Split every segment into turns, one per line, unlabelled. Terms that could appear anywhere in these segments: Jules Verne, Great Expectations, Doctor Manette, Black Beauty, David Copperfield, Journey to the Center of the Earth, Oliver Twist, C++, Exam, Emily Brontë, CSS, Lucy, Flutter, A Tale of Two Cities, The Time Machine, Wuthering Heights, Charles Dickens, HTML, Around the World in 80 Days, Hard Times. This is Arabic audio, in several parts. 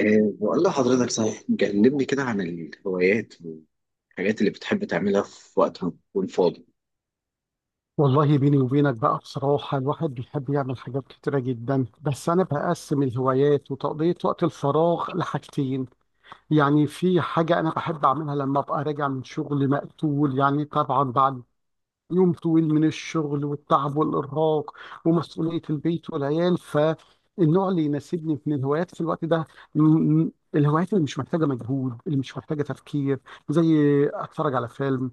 بقول لحضرتك، صحيح كلمني كده عن الهوايات والحاجات اللي بتحب تعملها في وقت ما تكون فاضي.
والله بيني وبينك بقى، بصراحة الواحد بيحب يعمل حاجات كتيرة جدا. بس أنا بقسم الهوايات وتقضية وقت الفراغ لحاجتين. يعني في حاجة أنا بحب أعملها لما أبقى راجع من شغل مقتول، يعني طبعا بعد يوم طويل من الشغل والتعب والإرهاق ومسؤولية البيت والعيال. فالنوع اللي يناسبني من الهوايات في الوقت ده، م- الهوايات اللي مش محتاجة مجهود، اللي مش محتاجة تفكير. زي أتفرج على فيلم،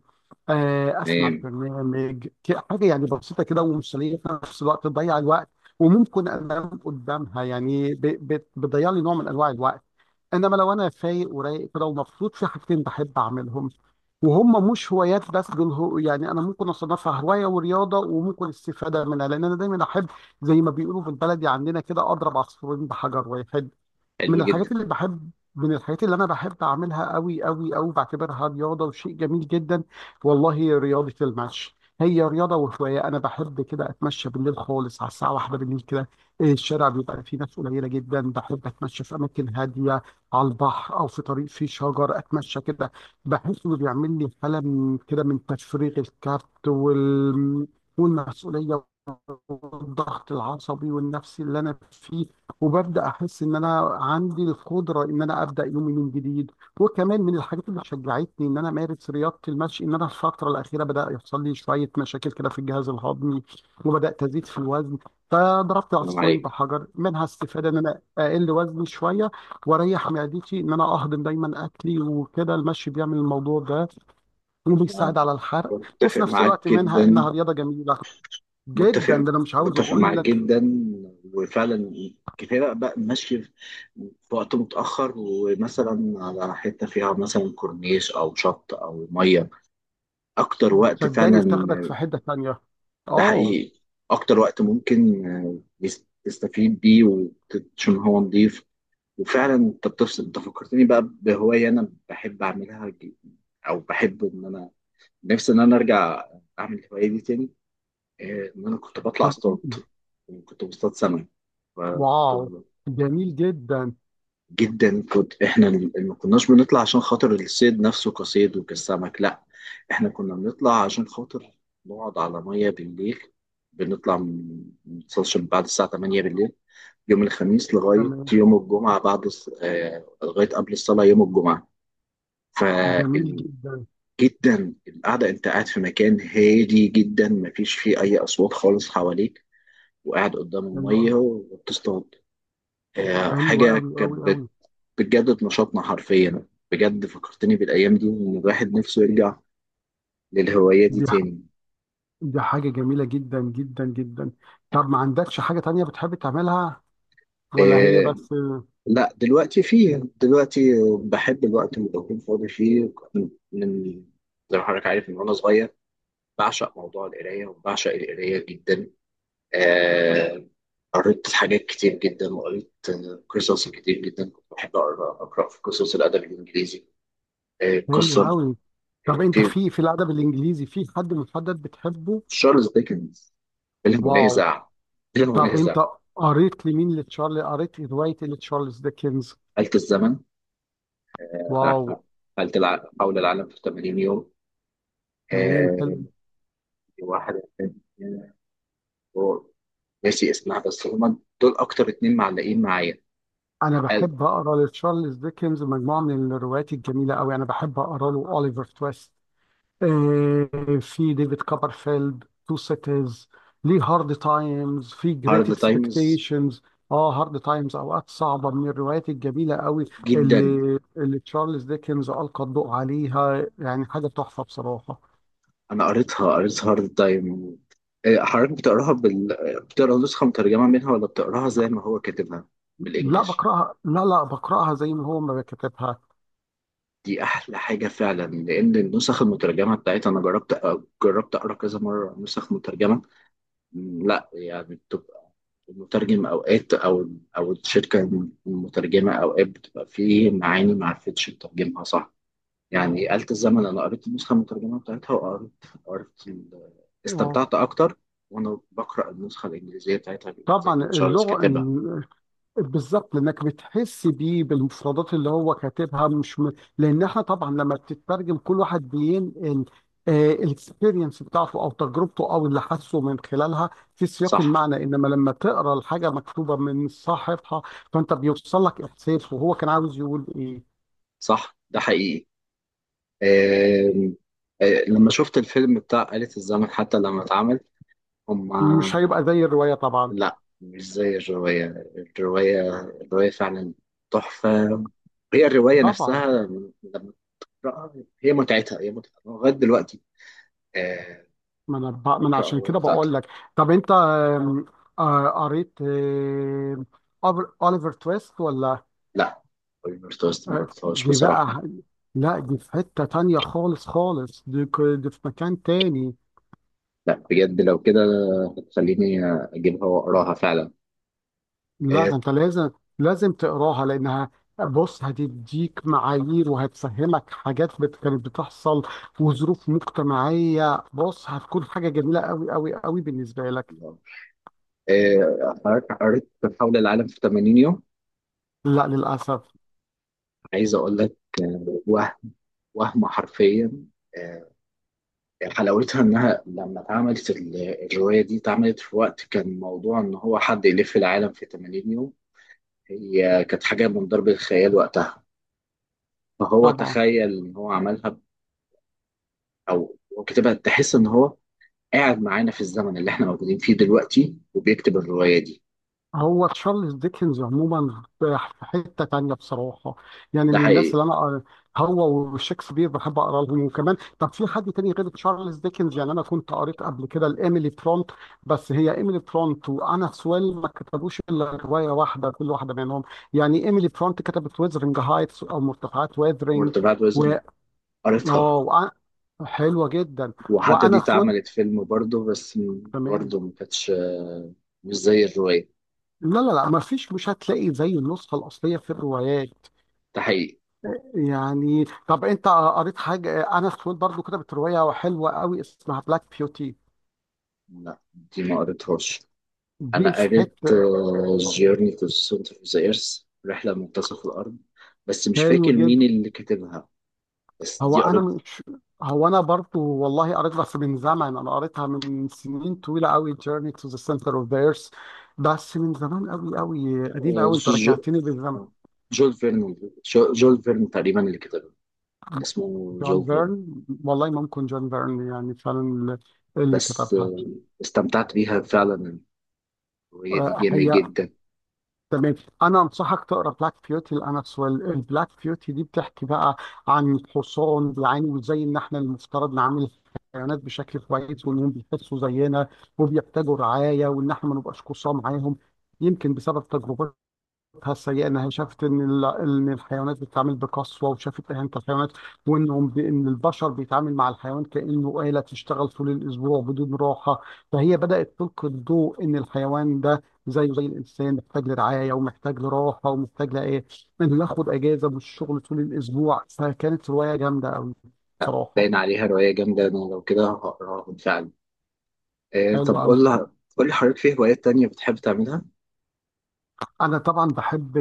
اسمع
تمام.
برنامج، حاجه يعني بسيطه كده ومسليه في نفس الوقت تضيع الوقت. وممكن انام قدامها، يعني بتضيع لي نوع من انواع الوقت. انما لو انا فايق ورايق كده ومبسوط، في حاجتين بحب اعملهم وهم مش هوايات، بس دول هو يعني انا ممكن اصنفها هوايه ورياضه وممكن استفاده منها، لان انا دايما احب زي ما بيقولوا بالبلدي عندنا كده، اضرب عصفورين بحجر واحد.
حلو جدا.
من الحاجات اللي انا بحب اعملها قوي قوي قوي، بعتبرها رياضه وشيء جميل جدا. والله هي رياضه المشي، هي رياضه وهوايه. انا بحب كده اتمشى بالليل خالص، على الساعه واحدة بالليل كده الشارع بيبقى فيه ناس قليله جدا. بحب اتمشى في اماكن هاديه، على البحر او في طريق فيه شجر، اتمشى كده. بحس انه بيعمل لي حاله من كده، من تفريغ الكبت والمسؤوليه والضغط العصبي والنفسي اللي انا فيه. وببدا احس ان انا عندي القدره ان انا ابدا يومي من جديد. وكمان من الحاجات اللي شجعتني ان انا امارس رياضه المشي، ان انا الفتره الاخيره بدا يحصل لي شويه مشاكل كده في الجهاز الهضمي، وبدات ازيد في الوزن. فضربت
سلام
عصفورين
عليك.
بحجر، منها استفاده ان انا اقل وزني شويه واريح معدتي ان انا اهضم دايما اكلي، وكده المشي بيعمل الموضوع ده
أنا
وبيساعد على الحرق.
متفق
وفي نفس
معاك
الوقت منها
جدا.
انها رياضه جميله جدا،
متفق.
ده انا مش عاوز
متفق
اقول
معاك
لك.
جدا. وفعلا كفايه بقى ماشي في وقت متاخر، ومثلا على حته فيها مثلا كورنيش او شط او ميه، اكتر وقت
صدقني
فعلا.
بتاخدك في حته ثانيه.
ده
اه.
حقيقي. اكتر وقت ممكن تستفيد بيه، وعشان هو نضيف. وفعلا انت بتفصل، انت فكرتني بقى بهوايه انا بحب اعملها. او بحب ان انا، نفسي ان انا ارجع اعمل الهوايه دي تاني. ان انا كنت بطلع
طب
اصطاد،
قول.
كنت بصطاد سمك. فكنت،
واو، جميل جدا.
جدا، كنت احنا ما كناش بنطلع عشان خاطر الصيد نفسه كصيد وكسمك، لا. احنا كنا بنطلع عشان خاطر نقعد على ميه بالليل. ما نوصلش من بعد الساعه 8 بالليل، يوم الخميس لغايه
تمام.
يوم الجمعه، بعد الص- آه، لغايه قبل الصلاه يوم الجمعه.
جميل
فال...
جدا.
جدا، القعدة انت قاعد في مكان هادي جدا، مفيش فيه اي اصوات خالص حواليك، وقاعد قدام
حلو قوي.
المية وبتصطاد. آه،
حلو
حاجة
قوي
كانت
قوي قوي.
بت- بتجدد نشاطنا حرفيا. بجد فكرتني بالايام دي، وان الواحد نفسه يرجع للهواية دي
دي ح-
تاني.
دي حاجه جميله جدا جدا جدا. طب ما عندكش حاجه تانية بتحب تعملها ولا هي
آه،
بس؟
لا، دلوقتي فيه. دلوقتي بحب الوقت اللي بكون فاضي فيه، من زي ما حضرتك عارف، من وانا صغير بعشق موضوع القراية، وبعشق القراية جدا. آه، قريت حاجات كتير جدا، وقريت قصص كتير جدا. كنت بحب أقرأ في قصص الأدب الإنجليزي. آه،
حلو
قصة
قوي. طب
آه،
انت
في
في الادب الانجليزي في حد محدد بتحبه؟
تشارلز ديكنز بلا
واو.
منازع، بلا
طب
منازع.
انت قريت لمين؟ لتشارلي؟ قريت روايه لتشارلز ديكنز؟
آلة الزمن. آه،
واو.
حول العالم في 80 يوم.
تمام، حلو.
آه، واحدة تانية، هو ناسي اسمها، بس هما دول أكتر اتنين معلقين معايا.
انا بحب اقرا لتشارلز ديكنز مجموعه من الروايات الجميله قوي. انا بحب اقرا له اوليفر تويست، آه، في ديفيد كوبرفيلد، تو سيتيز، ليه هارد تايمز، في جريت
هارد تايمز
اكسبكتيشنز. اه، هارد تايمز، اوقات صعبه، من الروايات الجميله قوي،
جدا.
اللي تشارلز ديكنز القى الضوء عليها يعني حاجه تحفه بصراحه.
انا قريتها هارد تايم. حضرتك بتقراها بال... بتقرا نسخه مترجمه منها، ولا بتقراها زي ما هو كاتبها
لا
بالانجلش؟
بقراها، لا بقراها زي ما هو ما كتبها.
دي احلى حاجه فعلا، لان النسخ المترجمه بتاعتها انا جربت اقرا كذا مره نسخ مترجمه. لا، يعني بتبقى المترجم اوقات، او الشركه المترجمه اوقات، بتبقى فيه معاني ما عرفتش تترجمها صح. يعني آلة الزمن، أنا قريت النسخة المترجمة بتاعتها، وقريت قريت ال-
اه
استمتعت أكتر وأنا بقرأ النسخة الإنجليزية بتاعتها، زي
طبعا،
ما تشارلز
اللغه
كاتبها.
بالظبط، لانك بتحس بيه بالمفردات اللي هو كاتبها مش لان احنا طبعا لما بتترجم، كل واحد بينقل الاكسبيرينس بتاعته او تجربته او اللي حاسه من خلالها في سياق
صح.
المعنى. انما لما تقرا الحاجه مكتوبه من صاحبها، فانت بيوصل لك احساس وهو كان عاوز يقول ايه.
صح، ده حقيقي. آم، آه، لما شفت الفيلم بتاع آلة الزمن، حتى لما اتعمل هما...
مش هيبقى زي الروايه طبعا.
لا، مش زي الرواية. الرواية الرواية فعلا تحفة. هي الرواية نفسها
طبعا.
لما تقرأها، هي متعتها، هي متعتها لغاية دلوقتي. آه،
ما انا
بقرأ
عشان
الرواية
كده بقول
بتاعتي.
لك. طب انت آم، آه، قريت أوليفر تويست ولا؟
لا، طيب، مش توست، ما
آه،
قريتهاش
دي بقى
بصراحة.
ح- لا دي في حتة تانية خالص خالص. دي في مكان تاني.
لا بجد، لو كده هتخليني أجيبها وأقراها فعلا.
لا ده
إيه.
انت لازم، لازم تقراها لانها، بص هتديك معايير وهتفهمك حاجات كانت بتحصل وظروف مجتمعية. بص هتكون حاجة جميلة قوي قوي قوي بالنسبة لك.
إيه، حضرتك قريت حول العالم في 80 يوم؟
لا للأسف.
عايز أقول لك آه، وهم وهم حرفيا، آه، يعني حلاوتها إنها لما اتعملت. الرواية دي اتعملت في وقت كان موضوع إن هو حد يلف العالم في 80 يوم، هي كانت حاجة من ضرب الخيال وقتها، فهو
طبعا.
تخيل إن هو عملها، أو هو كتبها. تحس إن هو قاعد معانا في الزمن اللي احنا موجودين فيه دلوقتي وبيكتب الرواية دي.
هو تشارلز ديكنز عموما في حتة تانية بصراحة، يعني
ده
من الناس
حقيقي.
اللي أنا، هو وشكسبير، بحب أقرأ لهم. وكمان طب في حد تاني غير تشارلز ديكنز، يعني أنا كنت قريت قبل كده لإيميلي فرونت. بس هي إيميلي فرونت وأنا سويل ما كتبوش إلا رواية واحدة كل واحدة منهم. يعني إيميلي فرونت كتبت ويذرنج هايتس أو مرتفعات ويذرنج،
مورت بعد
و
وزن. قريتها.
آه وأ- حلوة جدا.
وحتى دي
وأنا سويل،
اتعملت فيلم برضه،
تمام.
ما كانتش آه، مش زي الرواية.
لا ما فيش، مش هتلاقي زي النسخة الأصلية في الروايات،
ده حقيقي.
يعني. طب انت قريت حاجه؟ انا سويد برضو كتبت روايه حلوه قوي اسمها بلاك بيوتي.
لا، دي ما قريتهاش.
دي
أنا
في
قريت
حته.
جيرني تو سنتر اوف ذا ايرث، رحلة منتصف الأرض. بس مش فاكر
حلو
مين
جدا.
اللي كاتبها. بس
هو
دي
انا
قريت.
مش هو انا برضو والله قريت، بس من زمن، انا قريتها من سنين طويله قوي، جيرني تو ذا سنتر اوف ذا ايرث. بس من زمان قوي قوي قديم
آه،
قوي، انت
جو-
رجعتني للزمن.
آه، جول فيرن. جول فيرن تقريبا اللي كتبها، اسمه
جون
جول فيرن.
فيرن، والله ممكن جون فيرن يعني فعلا اللي
بس
كتبها.
استمتعت بيها فعلا. الرواية دي جامدة
هي
جدا.
تمام. انا انصحك تقرا بلاك بيوتي لانس ويل. البلاك بيوتي دي بتحكي بقى عن الحصان، يعني وازاي ان احنا المفترض نعامل الحيوانات بشكل كويس، وانهم بيحسوا زينا وبيحتاجوا رعايه، وان احنا ما نبقاش قصاه معاهم. يمكن بسبب تجربتي السيئه، انها شافت ان الحيوانات بتتعامل بقسوه، وشافت اهانه الحيوانات، ان البشر بيتعامل مع الحيوان كانه آلة تشتغل طول الاسبوع بدون راحه. فهي بدات تلقي الضوء ان الحيوان ده زيه زي الانسان محتاج لرعايه ومحتاج لراحه ومحتاج لايه، انه ياخد اجازه من الشغل طول الاسبوع. فكانت روايه جامده قوي
لا،
بصراحه،
باين عليها رواية جامدة، أنا لو كده هقراها بالفعل.
حلوه
طب
قوي.
قول لي حضرتك، في هوايات تانية بتحب تعملها؟
أنا طبعا بحب،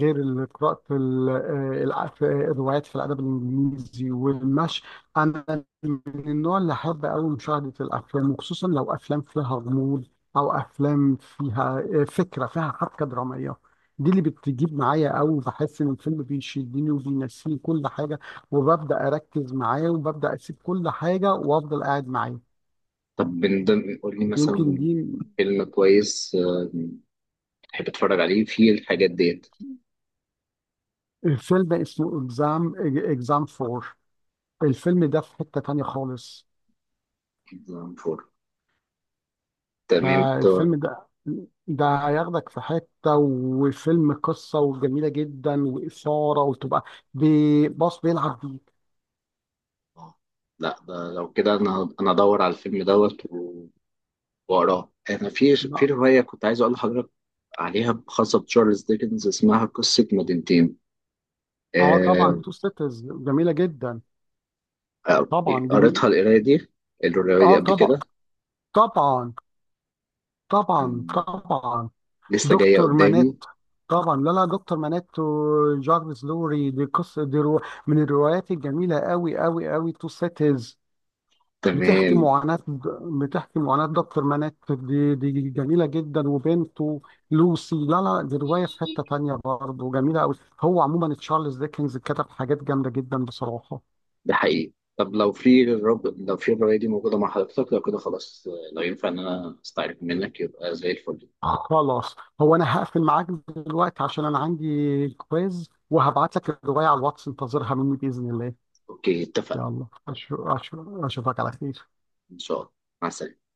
غير قراءة في الروايات في الأدب الإنجليزي والمشي، أنا من النوع اللي أحب أوي مشاهدة الأفلام، وخصوصا لو أفلام فيها غموض، أو أفلام فيها فكرة فيها حبكة درامية. دي اللي بتجيب معايا أوي، بحس إن الفيلم بيشدني وبينسيني كل حاجة، وببدأ أركز معاه وببدأ أسيب كل حاجة وأفضل قاعد معاه.
طب من ضمن، قول لي
يمكن
مثلا
دي،
فيلم كويس بتحب تتفرج عليه في الحاجات ديت.
فيلم اسمه إكزام، إكزام فور. الفيلم ده في حتة تانية خالص.
فور. تمام طار.
فالفيلم ده، ده هياخدك في حتة، وفيلم قصة وجميلة جدا وإثارة وتبقى، باص بيلعب بيك.
آه، لا، ده لو كده أنا أدور على الفيلم دوت وأقراه. أنا في رواية كنت عايز أقول لحضرتك عليها، خاصة بتشارلز ديكنز، اسمها قصة مدينتين.
اه طبعا،
آه،
تو ستيتز جميلة جدا.
آه،
طبعا،
قريتها، القراية دي، الرواية دي
اه
قبل كده.
طبعا طبعا
آم،
طبعا.
لسه جاية
دكتور منات،
قدامي.
طبعا. لا، دكتور منات وجارفيس لوري، دي قصة، دي رو من الروايات الجميلة قوي قوي قوي تو ستيتز. بتحكي
تمام.
معاناة بتحكي معاناة دكتور منات، دي جميلة جدا، وبنته لوسي. لا دي رواية في حتة تانية برضه جميلة أوي. هو عموما تشارلز ديكنز كتب حاجات جامدة جدا بصراحة.
ده حقيقي. طب لو في الرواية دي موجودة مع حضرتك، لو كده خلاص، لو ينفع إن أنا أستعرف منك يبقى زي الفل.
خلاص هو أنا هقفل معاك دلوقتي عشان أنا عندي كويز، وهبعت لك الرواية على الواتس، انتظرها مني بإذن الله.
أوكي، اتفقنا.
يلا أشوفك على خير.
إن شاء الله. مع السلامة.